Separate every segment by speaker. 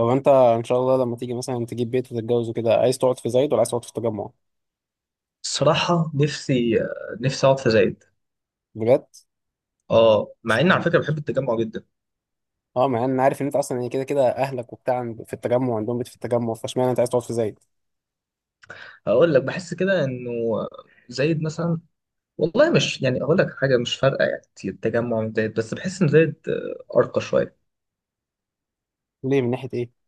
Speaker 1: هو انت ان شاء الله لما تيجي مثلا تجيب بيت وتتجوز وكده عايز تقعد في زايد ولا عايز تقعد في التجمع؟
Speaker 2: الصراحة، نفسي أقعد في زايد.
Speaker 1: بجد؟
Speaker 2: أه، مع إن على
Speaker 1: اشمعنى؟
Speaker 2: فكرة بحب التجمع جدا.
Speaker 1: اه مع ان انا عارف ان انت اصلا يعني كده كده اهلك وبتاع في التجمع، عندهم بيت في التجمع، فاشمعنى انت عايز تقعد في زايد؟
Speaker 2: هقول لك، بحس كده إنه زايد مثلا، والله مش يعني أقول لك حاجة مش فارقة يعني كتير التجمع من زايد، بس بحس إن زايد أرقى شوية.
Speaker 1: ليه، من ناحيه ايه؟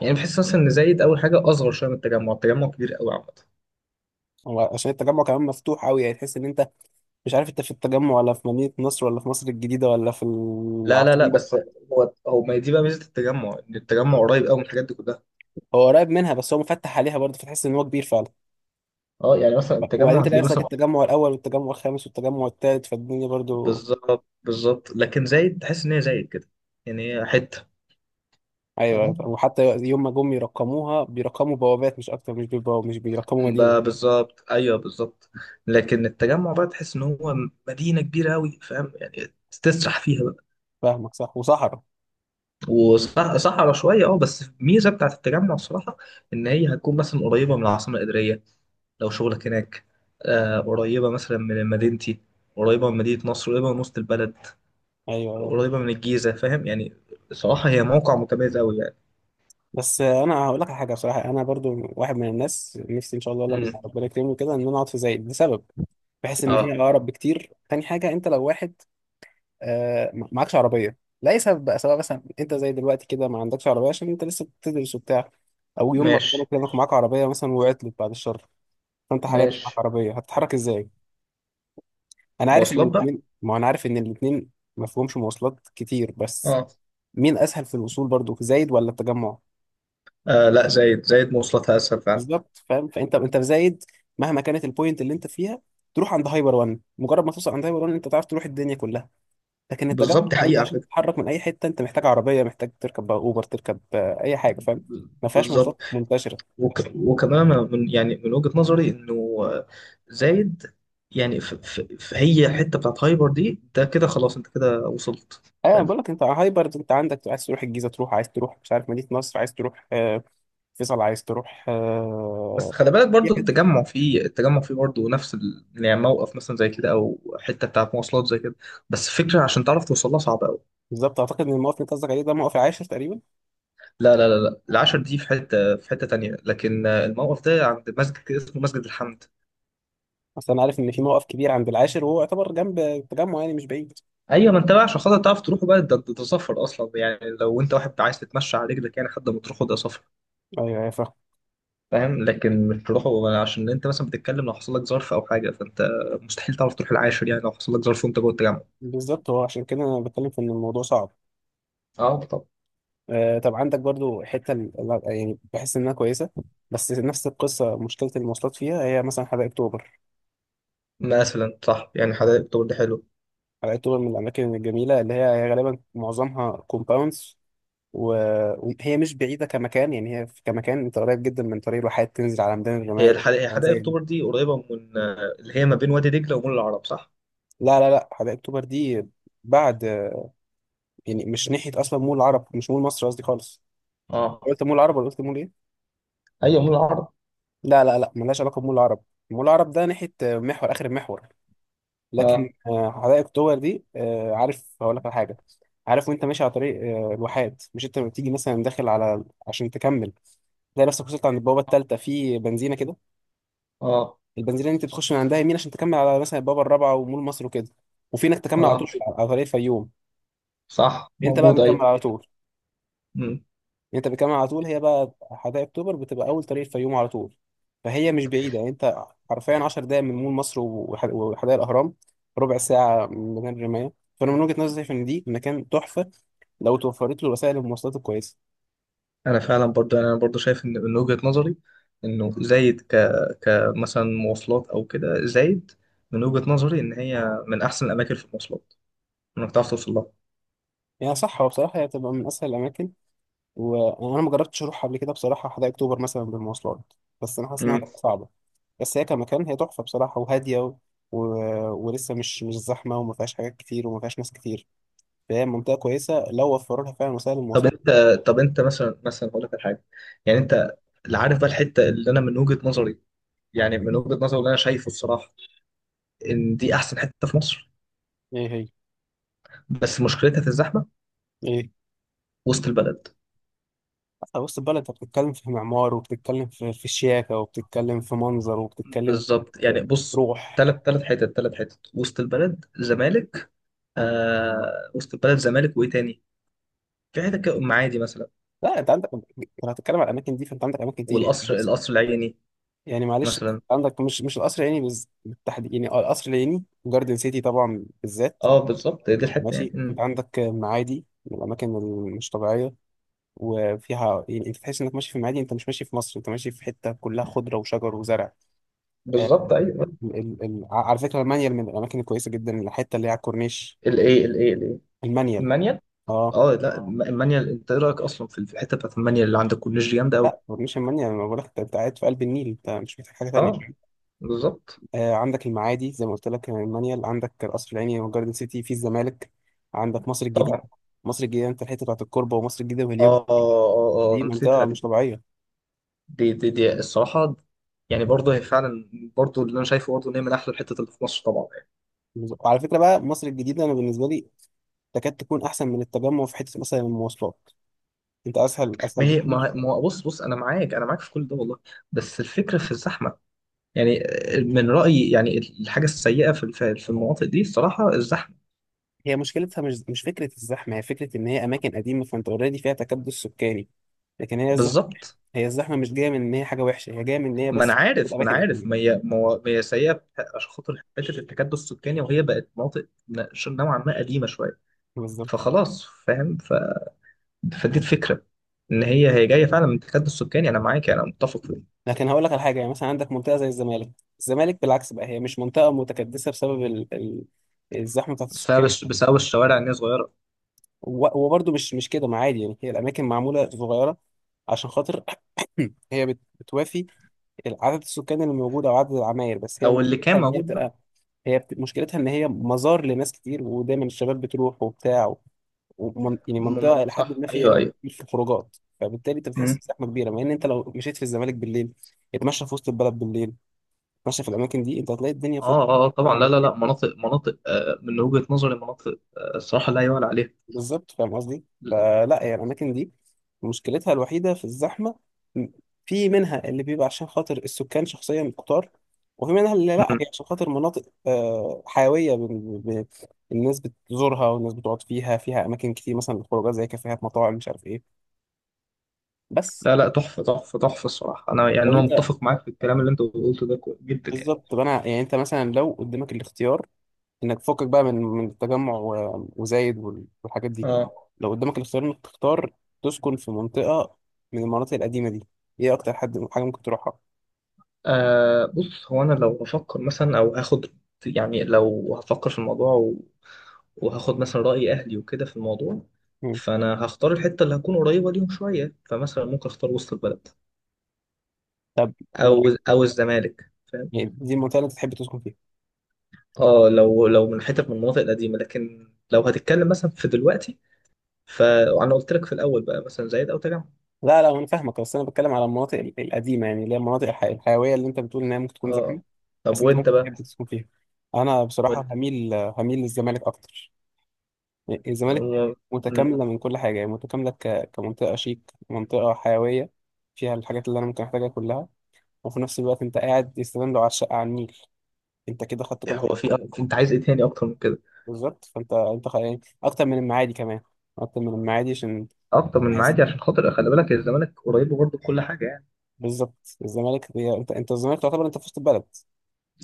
Speaker 2: يعني بحس مثلا إن زايد أول حاجة أصغر شوية من التجمع. التجمع كبير قوي عامة.
Speaker 1: هو عشان التجمع كمان مفتوح قوي، يعني تحس ان انت مش عارف انت في التجمع ولا في مدينه نصر ولا في مصر الجديده ولا في
Speaker 2: لا، لا، لا،
Speaker 1: العاصمه.
Speaker 2: بس. هو ما دي بقى ميزة التجمع، إن التجمع قريب قوي من الحاجات دي كلها.
Speaker 1: هو قريب منها بس هو مفتح عليها برضه، فتحس ان هو كبير فعلا.
Speaker 2: أه، يعني مثلا
Speaker 1: وبعدين
Speaker 2: التجمع
Speaker 1: تلاقي
Speaker 2: هتلاقيه
Speaker 1: نفسك
Speaker 2: مثلا.
Speaker 1: التجمع الاول والتجمع الخامس والتجمع الثالث فالدنيا برضه.
Speaker 2: بالظبط، بالظبط، لكن زايد تحس إن هي زايد كده. يعني هي حتة،
Speaker 1: ايوه، أيوة.
Speaker 2: فاهم.
Speaker 1: وحتى يوم ما جم يرقموها بيرقموا بوابات مش اكتر، مش بيبقوا مش بيرقموا مدينه.
Speaker 2: بقى بالظبط، ايوه، بالظبط. لكن التجمع بقى تحس ان هو مدينه كبيره قوي، فاهم يعني، تسرح فيها بقى.
Speaker 1: فاهمك، صح، وصحراء.
Speaker 2: وصحرا شويه، اه، بس الميزه بتاعت التجمع الصراحه، ان هي هتكون مثلا قريبه من العاصمه الاداريه لو شغلك هناك. قريبه مثلا من مدينتي، قريبه من مدينه نصر، قريبه من وسط البلد،
Speaker 1: ايوه، أيوة.
Speaker 2: قريبه من الجيزه، فاهم يعني. صراحه هي موقع متميز قوي يعني.
Speaker 1: بس انا هقول لك على حاجه بصراحه، انا برضو واحد من الناس نفسي ان شاء الله لما
Speaker 2: امم
Speaker 1: ربنا يكرمني كده ان انا اقعد في زايد لسبب. بحس ان هي
Speaker 2: اه،
Speaker 1: اقرب بكتير. تاني حاجه، انت لو واحد معكش عربيه لاي سبب بقى، سواء مثلا انت زي دلوقتي كده ما عندكش عربيه عشان انت لسه بتدرس وبتاع، او يوم ما
Speaker 2: ماشي،
Speaker 1: ربنا يكرمك معاك عربيه مثلا وعطلت بعد الشر، فانت حاليا مش معاك
Speaker 2: ماشي،
Speaker 1: عربيه هتتحرك ازاي؟
Speaker 2: مواصلات بقى،
Speaker 1: انا عارف ان الاثنين ما فيهمش مواصلات كتير، بس
Speaker 2: اه،
Speaker 1: مين اسهل في الوصول برضو، في زايد ولا التجمع؟
Speaker 2: لا، زايد مواصلاتها اسهل فعلا.
Speaker 1: بالظبط، فاهم. فانت في زايد مهما كانت البوينت اللي انت فيها تروح عند هايبر وان، مجرد ما توصل عند هايبر وان انت تعرف تروح الدنيا كلها. لكن التجمع
Speaker 2: بالظبط، دي
Speaker 1: انت
Speaker 2: حقيقة على
Speaker 1: عشان
Speaker 2: فكرة،
Speaker 1: تتحرك من اي حته انت محتاج عربيه، محتاج تركب بقى اوبر، تركب اي حاجه، فاهم. ما فيهاش
Speaker 2: بالظبط.
Speaker 1: مواصلات منتشره.
Speaker 2: وكمان أنا من وجهة نظري إنه، آه، زايد، يعني في هي الحتة بتاعت هايبر دي، ده كده خلاص أنت كده وصلت.
Speaker 1: ايوه
Speaker 2: فاهم.
Speaker 1: بقول لك، انت على هايبر انت عندك عايز تروح الجيزه تروح، عايز تروح مش عارف مدينه نصر، عايز تروح فيصل، عايز تروح
Speaker 2: بس خلي بالك برضو التجمع فيه برضو نفس يعني موقف مثلا زي كده أو حتة بتاعت مواصلات زي كده. بس فكرة عشان تعرف توصلها صعبة أوي.
Speaker 1: بالظبط. اعتقد ان الموقف اللي انت قصدك عليه ده موقف العاشر تقريبا.
Speaker 2: لا، لا، لا، لا، العشر دي في حتة تانية. لكن الموقف ده عند مسجد كده اسمه مسجد الحمد.
Speaker 1: اصل انا عارف ان في موقف كبير عند العاشر وهو يعتبر جنب التجمع يعني، مش بعيد.
Speaker 2: ايوه، ما انت بقى عشان خاطر تعرف تروحه بقى ده سفر اصلا يعني، لو انت واحد عايز تتمشى على رجلك يعني لحد ما تروحه، ده سفر.
Speaker 1: ايوه ايوه فاهم.
Speaker 2: فاهم، لكن مش تروحه. عشان انت مثلا بتتكلم، لو حصل لك ظرف او حاجه فانت مستحيل تعرف تروح العاشر يعني، لو حصل لك ظرف وانت جوه التجمع.
Speaker 1: بالظبط، هو عشان كده انا بتكلم في ان الموضوع صعب.
Speaker 2: اه، طب.
Speaker 1: آه طب، عندك برضو حته يعني بحس انها كويسه، بس نفس القصه مشكله المواصلات فيها، هي مثلا حدائق اكتوبر.
Speaker 2: مثلا، صح يعني، حدائق اكتوبر دي حلو.
Speaker 1: حدائق اكتوبر من الاماكن الجميله، اللي هي غالبا معظمها كومباوندز، وهي مش بعيده كمكان، يعني هي كمكان انت قريب جدا من طريق الواحات، تنزل على ميدان الرمايه
Speaker 2: هي
Speaker 1: وحاجات
Speaker 2: حدائق
Speaker 1: زي دي.
Speaker 2: اكتوبر دي قريبه من اللي هي ما بين وادي دجله ومول العرب، صح؟
Speaker 1: لا لا لا، حدائق اكتوبر دي بعد. يعني مش ناحية أصلا مول العرب، مش مول مصر قصدي، خالص.
Speaker 2: اه.
Speaker 1: قلت مول العرب ولا قلت مول إيه؟
Speaker 2: ايوه، مول العرب.
Speaker 1: لا لا لا، ملهاش علاقة بمول العرب. مول العرب ده ناحية محور، آخر المحور.
Speaker 2: اه،
Speaker 1: لكن حدائق أكتوبر دي، عارف هقول لك على حاجة. عارف وأنت ماشي على طريق الواحات، مش أنت بتيجي مثلا داخل على عشان تكمل، تلاقي نفسك وصلت عند البوابة التالتة في بنزينة كده.
Speaker 2: اه،
Speaker 1: البنزينة دي أنت بتخش من عندها يمين عشان تكمل على مثلا البوابة الرابعة ومول مصر وكده، وفي إنك تكمل على
Speaker 2: اه.
Speaker 1: طول على طريق الفيوم.
Speaker 2: صح،
Speaker 1: أنت بقى
Speaker 2: موجود.
Speaker 1: بتكمل على طول.
Speaker 2: ايوه.
Speaker 1: انت بتكمل على طول، هي بقى حدائق اكتوبر بتبقى اول طريق الفيوم على طول. فهي مش بعيده، يعني انت حرفيا 10 دقائق من مول مصر وحدائق الاهرام، ربع ساعه من ميدان الرمايه. فانا من وجهه نظري ان دي مكان تحفه لو توفرت له وسائل المواصلات الكويسه.
Speaker 2: انا فعلا برضو يعني، انا برضو شايف ان من وجهة نظري انه زايد، كمثلا مواصلات او كده زايد، من وجهة نظري ان هي من احسن الاماكن في المواصلات، انك تعرف توصل لها.
Speaker 1: يعني صح، هو بصراحه هي بتبقى من اسهل الاماكن، وانا ما جربتش اروح قبل كده بصراحه حدائق اكتوبر مثلا بالمواصلات، بس انا حاسس انها
Speaker 2: مم.
Speaker 1: هتبقى صعبه. بس هي كمكان هي تحفه بصراحه، وهاديه و... ولسه مش زحمه، وما فيهاش حاجات كتير وما فيهاش ناس كتير، فهي منطقة كويسة لو وفروا لها فعلا وسائل
Speaker 2: طب
Speaker 1: المواصلات.
Speaker 2: انت طب انت مثلا هقول لك على حاجه. يعني انت اللي عارف بقى الحته، اللي انا من وجهه نظري اللي انا شايفه الصراحه، ان دي احسن حته في مصر.
Speaker 1: ايه هي؟
Speaker 2: بس مشكلتها في الزحمه.
Speaker 1: ايه؟
Speaker 2: وسط البلد.
Speaker 1: أصل وسط البلد أنت بتتكلم في معمار، وبتتكلم في شياكة، وبتتكلم في منظر، وبتتكلم
Speaker 2: بالظبط،
Speaker 1: في
Speaker 2: يعني، بص.
Speaker 1: روح.
Speaker 2: ثلاث حتت، وسط البلد، زمالك. آه، وسط البلد، زمالك، وايه تاني؟ في حتة كده، عادي مثلا.
Speaker 1: لا أنت عندك، لو هتتكلم على الأماكن دي فأنت عندك أماكن كتير، يعني
Speaker 2: والقصر
Speaker 1: معلش،
Speaker 2: القصر العيني
Speaker 1: يعني معلش.
Speaker 2: مثلا.
Speaker 1: عندك مش القصر العيني بالتحديد، يعني القصر العيني جاردن سيتي طبعا بالذات.
Speaker 2: اه، بالظبط، دي الحتة يعني
Speaker 1: ماشي،
Speaker 2: مم.
Speaker 1: أنت عندك معادي من الأماكن المش طبيعية، وفيها يعني أنت تحس إنك ماشي في معادي، أنت مش ماشي في مصر، أنت ماشي في حتة كلها خضرة وشجر وزرع. آه،
Speaker 2: بالظبط، أيوه.
Speaker 1: على فكرة المانيال من الأماكن الكويسة جدا، الحتة اللي هي على الكورنيش.
Speaker 2: الإيه؟ الإيه؟ الإيه؟
Speaker 1: المانيال.
Speaker 2: المانيال.
Speaker 1: اه،
Speaker 2: اه، لا، المانيال. أنت إيه رأيك أصلا في الحتة بتاعت المانيال اللي عند الكورنيش دي؟ جامدة أوي.
Speaker 1: لا كورنيش المانيال، ما بقولك، انت أنت قاعد في قلب النيل، انت مش محتاج حاجة تانية.
Speaker 2: اه، بالظبط.
Speaker 1: آه عندك المعادي زي ما قلت لك، المانيال، عندك القصر العيني وجاردن سيتي في الزمالك، عندك مصر الجديدة.
Speaker 2: طبعا.
Speaker 1: مصر الجديدة انت الحتة بتاعت الكوربة ومصر الجديدة وهليوب،
Speaker 2: اه، اه، اه،
Speaker 1: دي
Speaker 2: نسيتها
Speaker 1: منطقة
Speaker 2: دي.
Speaker 1: مش طبيعية.
Speaker 2: دي الصراحة. يعني برضه هي فعلا، برضه اللي انا شايفه، برضه ان هي من احلى الحتت اللي في مصر طبعا يعني.
Speaker 1: وعلى فكرة بقى، مصر الجديدة أنا بالنسبة لي تكاد تكون أحسن من التجمع في حتة مثلا المواصلات، انت أسهل
Speaker 2: ما
Speaker 1: أسهل
Speaker 2: هي
Speaker 1: بكتير.
Speaker 2: ما ما- بص، بص، انا معاك، انا معاك، في كل ده والله. بس الفكره في الزحمه. يعني. من رأيي يعني، الحاجة السيئة في المناطق دي الصراحة الزحمة.
Speaker 1: هي مشكلتها مش فكرة الزحمة، هي فكرة إن هي أماكن قديمة، فأنت أوريدي فيها تكدس سكاني. لكن هي الزحمة،
Speaker 2: بالظبط.
Speaker 1: هي الزحمة مش جاية من إن هي حاجة وحشة، هي جاية من إن هي
Speaker 2: ما انا
Speaker 1: بس
Speaker 2: عارف ما انا
Speaker 1: أماكن
Speaker 2: عارف ما
Speaker 1: قديمة،
Speaker 2: هي، ما هي سيئة عشان خاطر حتة التكدس السكاني، وهي بقت مناطق نوعا ما قديمة شوية.
Speaker 1: بالظبط.
Speaker 2: فخلاص، فاهم، فدي الفكرة. ان هي جاية فعلا من التكدس السكاني، انا معاك، انا متفق فيه.
Speaker 1: لكن هقول لك على حاجة، يعني مثلا عندك منطقة زي الزمالك. الزمالك بالعكس بقى هي مش منطقة متكدسة بسبب الزحمة بتاعت السكان.
Speaker 2: بسبب الشوارع ان هي صغيرة.
Speaker 1: وبرضه مش كده، ما عادي يعني، هي الأماكن معمولة صغيرة عشان خاطر هي بتوافي عدد السكان اللي موجود أو عدد العماير، بس هي
Speaker 2: او اللي كان
Speaker 1: مشكلتها إن هي
Speaker 2: موجود بقى.
Speaker 1: بتبقى، هي مشكلتها ان هي مزار لناس كتير، ودايما الشباب بتروح وبتاع يعني منطقه الى حد
Speaker 2: صح،
Speaker 1: ما فيها
Speaker 2: ايوه،
Speaker 1: رجل
Speaker 2: ايوه.
Speaker 1: كتير في الخروجات، فبالتالي انت بتحس
Speaker 2: مم.
Speaker 1: بزحمه كبيره، مع ان انت لو مشيت في الزمالك بالليل، اتمشى في وسط البلد بالليل، اتمشى في الاماكن دي، انت هتلاقي الدنيا فاضيه.
Speaker 2: اه، اه، طبعا، لا، لا، لا، مناطق، من وجهة نظري مناطق، الصراحة لا يعلى عليها.
Speaker 1: بالظبط فاهم قصدي. فلا هي الاماكن دي مشكلتها الوحيده في الزحمه، م- في منها اللي بيبقى عشان خاطر السكان شخصيا كتار، وفي منها اللي لا
Speaker 2: مم.
Speaker 1: هي عشان خاطر مناطق آه، حيويه ب- ب- ب- الناس بتزورها والناس بتقعد فيها، فيها اماكن كتير مثلا للخروجات زي كافيهات مطاعم مش عارف ايه. بس
Speaker 2: لا، لا، تحفة، تحفة، تحفة الصراحة. أنا يعني
Speaker 1: لو
Speaker 2: أنا
Speaker 1: انت،
Speaker 2: متفق معاك في الكلام اللي أنت قلته ده جدا يعني.
Speaker 1: بالظبط. طب انا يعني، انت مثلا لو قدامك الاختيار انك تفكك بقى من التجمع وزايد والحاجات دي،
Speaker 2: آه.
Speaker 1: لو قدامك الاختيار انك تختار تسكن في منطقة من المناطق القديمة دي، ايه اكتر حد حاجة ممكن تروحها؟
Speaker 2: آه، بص، هو أنا لو هفكر مثلا أو هاخد يعني، لو هفكر في الموضوع وهاخد مثلا رأي أهلي وكده في الموضوع.
Speaker 1: مم.
Speaker 2: فأنا هختار الحتة اللي هكون قريبة ليهم شوية، فمثلا ممكن أختار وسط البلد.
Speaker 1: طب لو
Speaker 2: أو الزمالك، فاهم.
Speaker 1: يعني دي المنطقة اللي انت تحب تسكن فيها؟
Speaker 2: آه، لو من المناطق القديمة، لكن لو هتتكلم مثلا في دلوقتي. فأنا قلت لك في الأول بقى، مثلا زايد أو تجمع.
Speaker 1: لا لا انا فاهمك، بس انا بتكلم على المناطق القديمة، يعني اللي هي المناطق الحيوية اللي انت بتقول انها ممكن تكون زحمة،
Speaker 2: آه، طب
Speaker 1: بس انت
Speaker 2: وأنت
Speaker 1: ممكن
Speaker 2: بقى؟
Speaker 1: تحب تسكن فيها. انا بصراحة
Speaker 2: وانت
Speaker 1: هميل للزمالك اكتر. الزمالك
Speaker 2: هو مم.
Speaker 1: متكاملة من كل حاجة، يعني متكاملة كمنطقة شيك، منطقة حيوية، فيها الحاجات اللي أنا ممكن أحتاجها كلها، وفي نفس الوقت أنت قاعد يستدام لو على الشقة على النيل، أنت كده خدت كل حاجة،
Speaker 2: انت عايز ايه تاني اكتر من كده؟
Speaker 1: بالظبط. فأنت يعني أكتر من المعادي كمان، أكتر من المعادي عشان
Speaker 2: اكتر من
Speaker 1: بحس،
Speaker 2: معادي، عشان خاطر خلي بالك الزمالك قريبه برضه بكل حاجه يعني.
Speaker 1: بالظبط. الزمالك هي أنت، الزمالك تعتبر أنت في وسط البلد،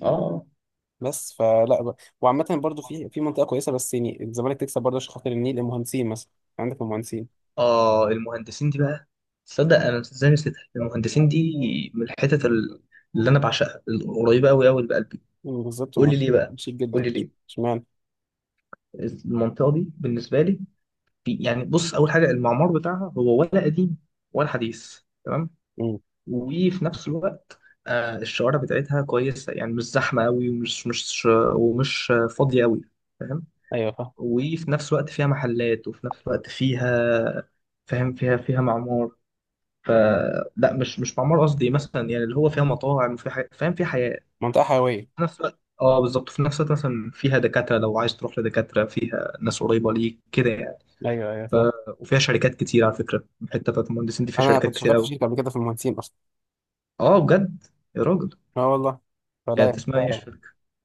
Speaker 2: اه،
Speaker 1: بس فلا وعامة برضو في منطقة كويسة، بس يعني الزمالك تكسب برضه عشان خاطر النيل. المهندسين مثلا، عندك المهندسين.
Speaker 2: اه، المهندسين دي بقى. تصدق انا ازاي نسيتها؟ المهندسين دي من الحتت اللي انا بعشقها، القريبه قوي قوي لقلبي.
Speaker 1: مم، بالظبط،
Speaker 2: قول
Speaker 1: هم
Speaker 2: لي ليه بقى.
Speaker 1: شيك
Speaker 2: قول
Speaker 1: جدا.
Speaker 2: لي ليه.
Speaker 1: اشمعنى؟
Speaker 2: المنطقه دي بالنسبه لي، يعني بص، اول حاجه المعمار بتاعها هو ولا قديم ولا حديث، تمام.
Speaker 1: مم،
Speaker 2: وفي نفس الوقت، الشوارع بتاعتها كويسة، يعني مش زحمة قوي ومش مش ومش فاضية قوي. فاهم.
Speaker 1: أيوه فاهم.
Speaker 2: وفي نفس الوقت فيها محلات، وفي نفس الوقت فيها. فاهم، فيها معمار. ف لا، مش معمار قصدي، مثلا يعني اللي هو فيها مطاعم وفيها فاهم، فيها حياة.
Speaker 1: منطقة حيوية.
Speaker 2: في نفس الوقت، اه، بالظبط، في نفس الوقت مثلا فيها دكاترة، لو عايز تروح لدكاترة فيها ناس قريبة ليك كده يعني.
Speaker 1: ايوه ايوه
Speaker 2: ف...
Speaker 1: فاهم.
Speaker 2: وفيها شركات كتير، على فكرة الحتة بتاعت المهندسين دي فيها
Speaker 1: أنا
Speaker 2: شركات
Speaker 1: كنت
Speaker 2: كتير
Speaker 1: شغال في
Speaker 2: قوي.
Speaker 1: شركة قبل كده في المهندسين أصلا.
Speaker 2: اه، بجد؟ يا راجل.
Speaker 1: اه والله. فلا هي
Speaker 2: يعني اسمها ايه؟
Speaker 1: منطقة،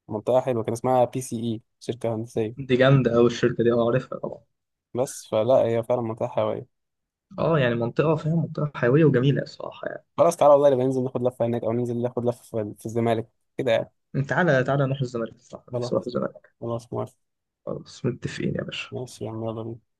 Speaker 1: منطقة حلوة، كان اسمها BCE، شركة هندسية.
Speaker 2: دي جامدة أوي الشركة دي، أه عارفها طبعا.
Speaker 1: بس فلا هي فعلا منطقة حيوية.
Speaker 2: أه، يعني منطقة، فاهم، منطقة حيوية وجميلة الصراحة.
Speaker 1: خلاص تعالى والله، نبقى ننزل ناخد لفة هناك أو ننزل ناخد لفة في الزمالك كده يعني.
Speaker 2: يعني تعالى، تعالى، نروح الزمالك، الصراحة نفسي أروح
Speaker 1: خلاص.
Speaker 2: الزمالك.
Speaker 1: خلاص موافق.
Speaker 2: خلاص، متفقين يا باشا.
Speaker 1: ماشي يا عم، يلا بينا.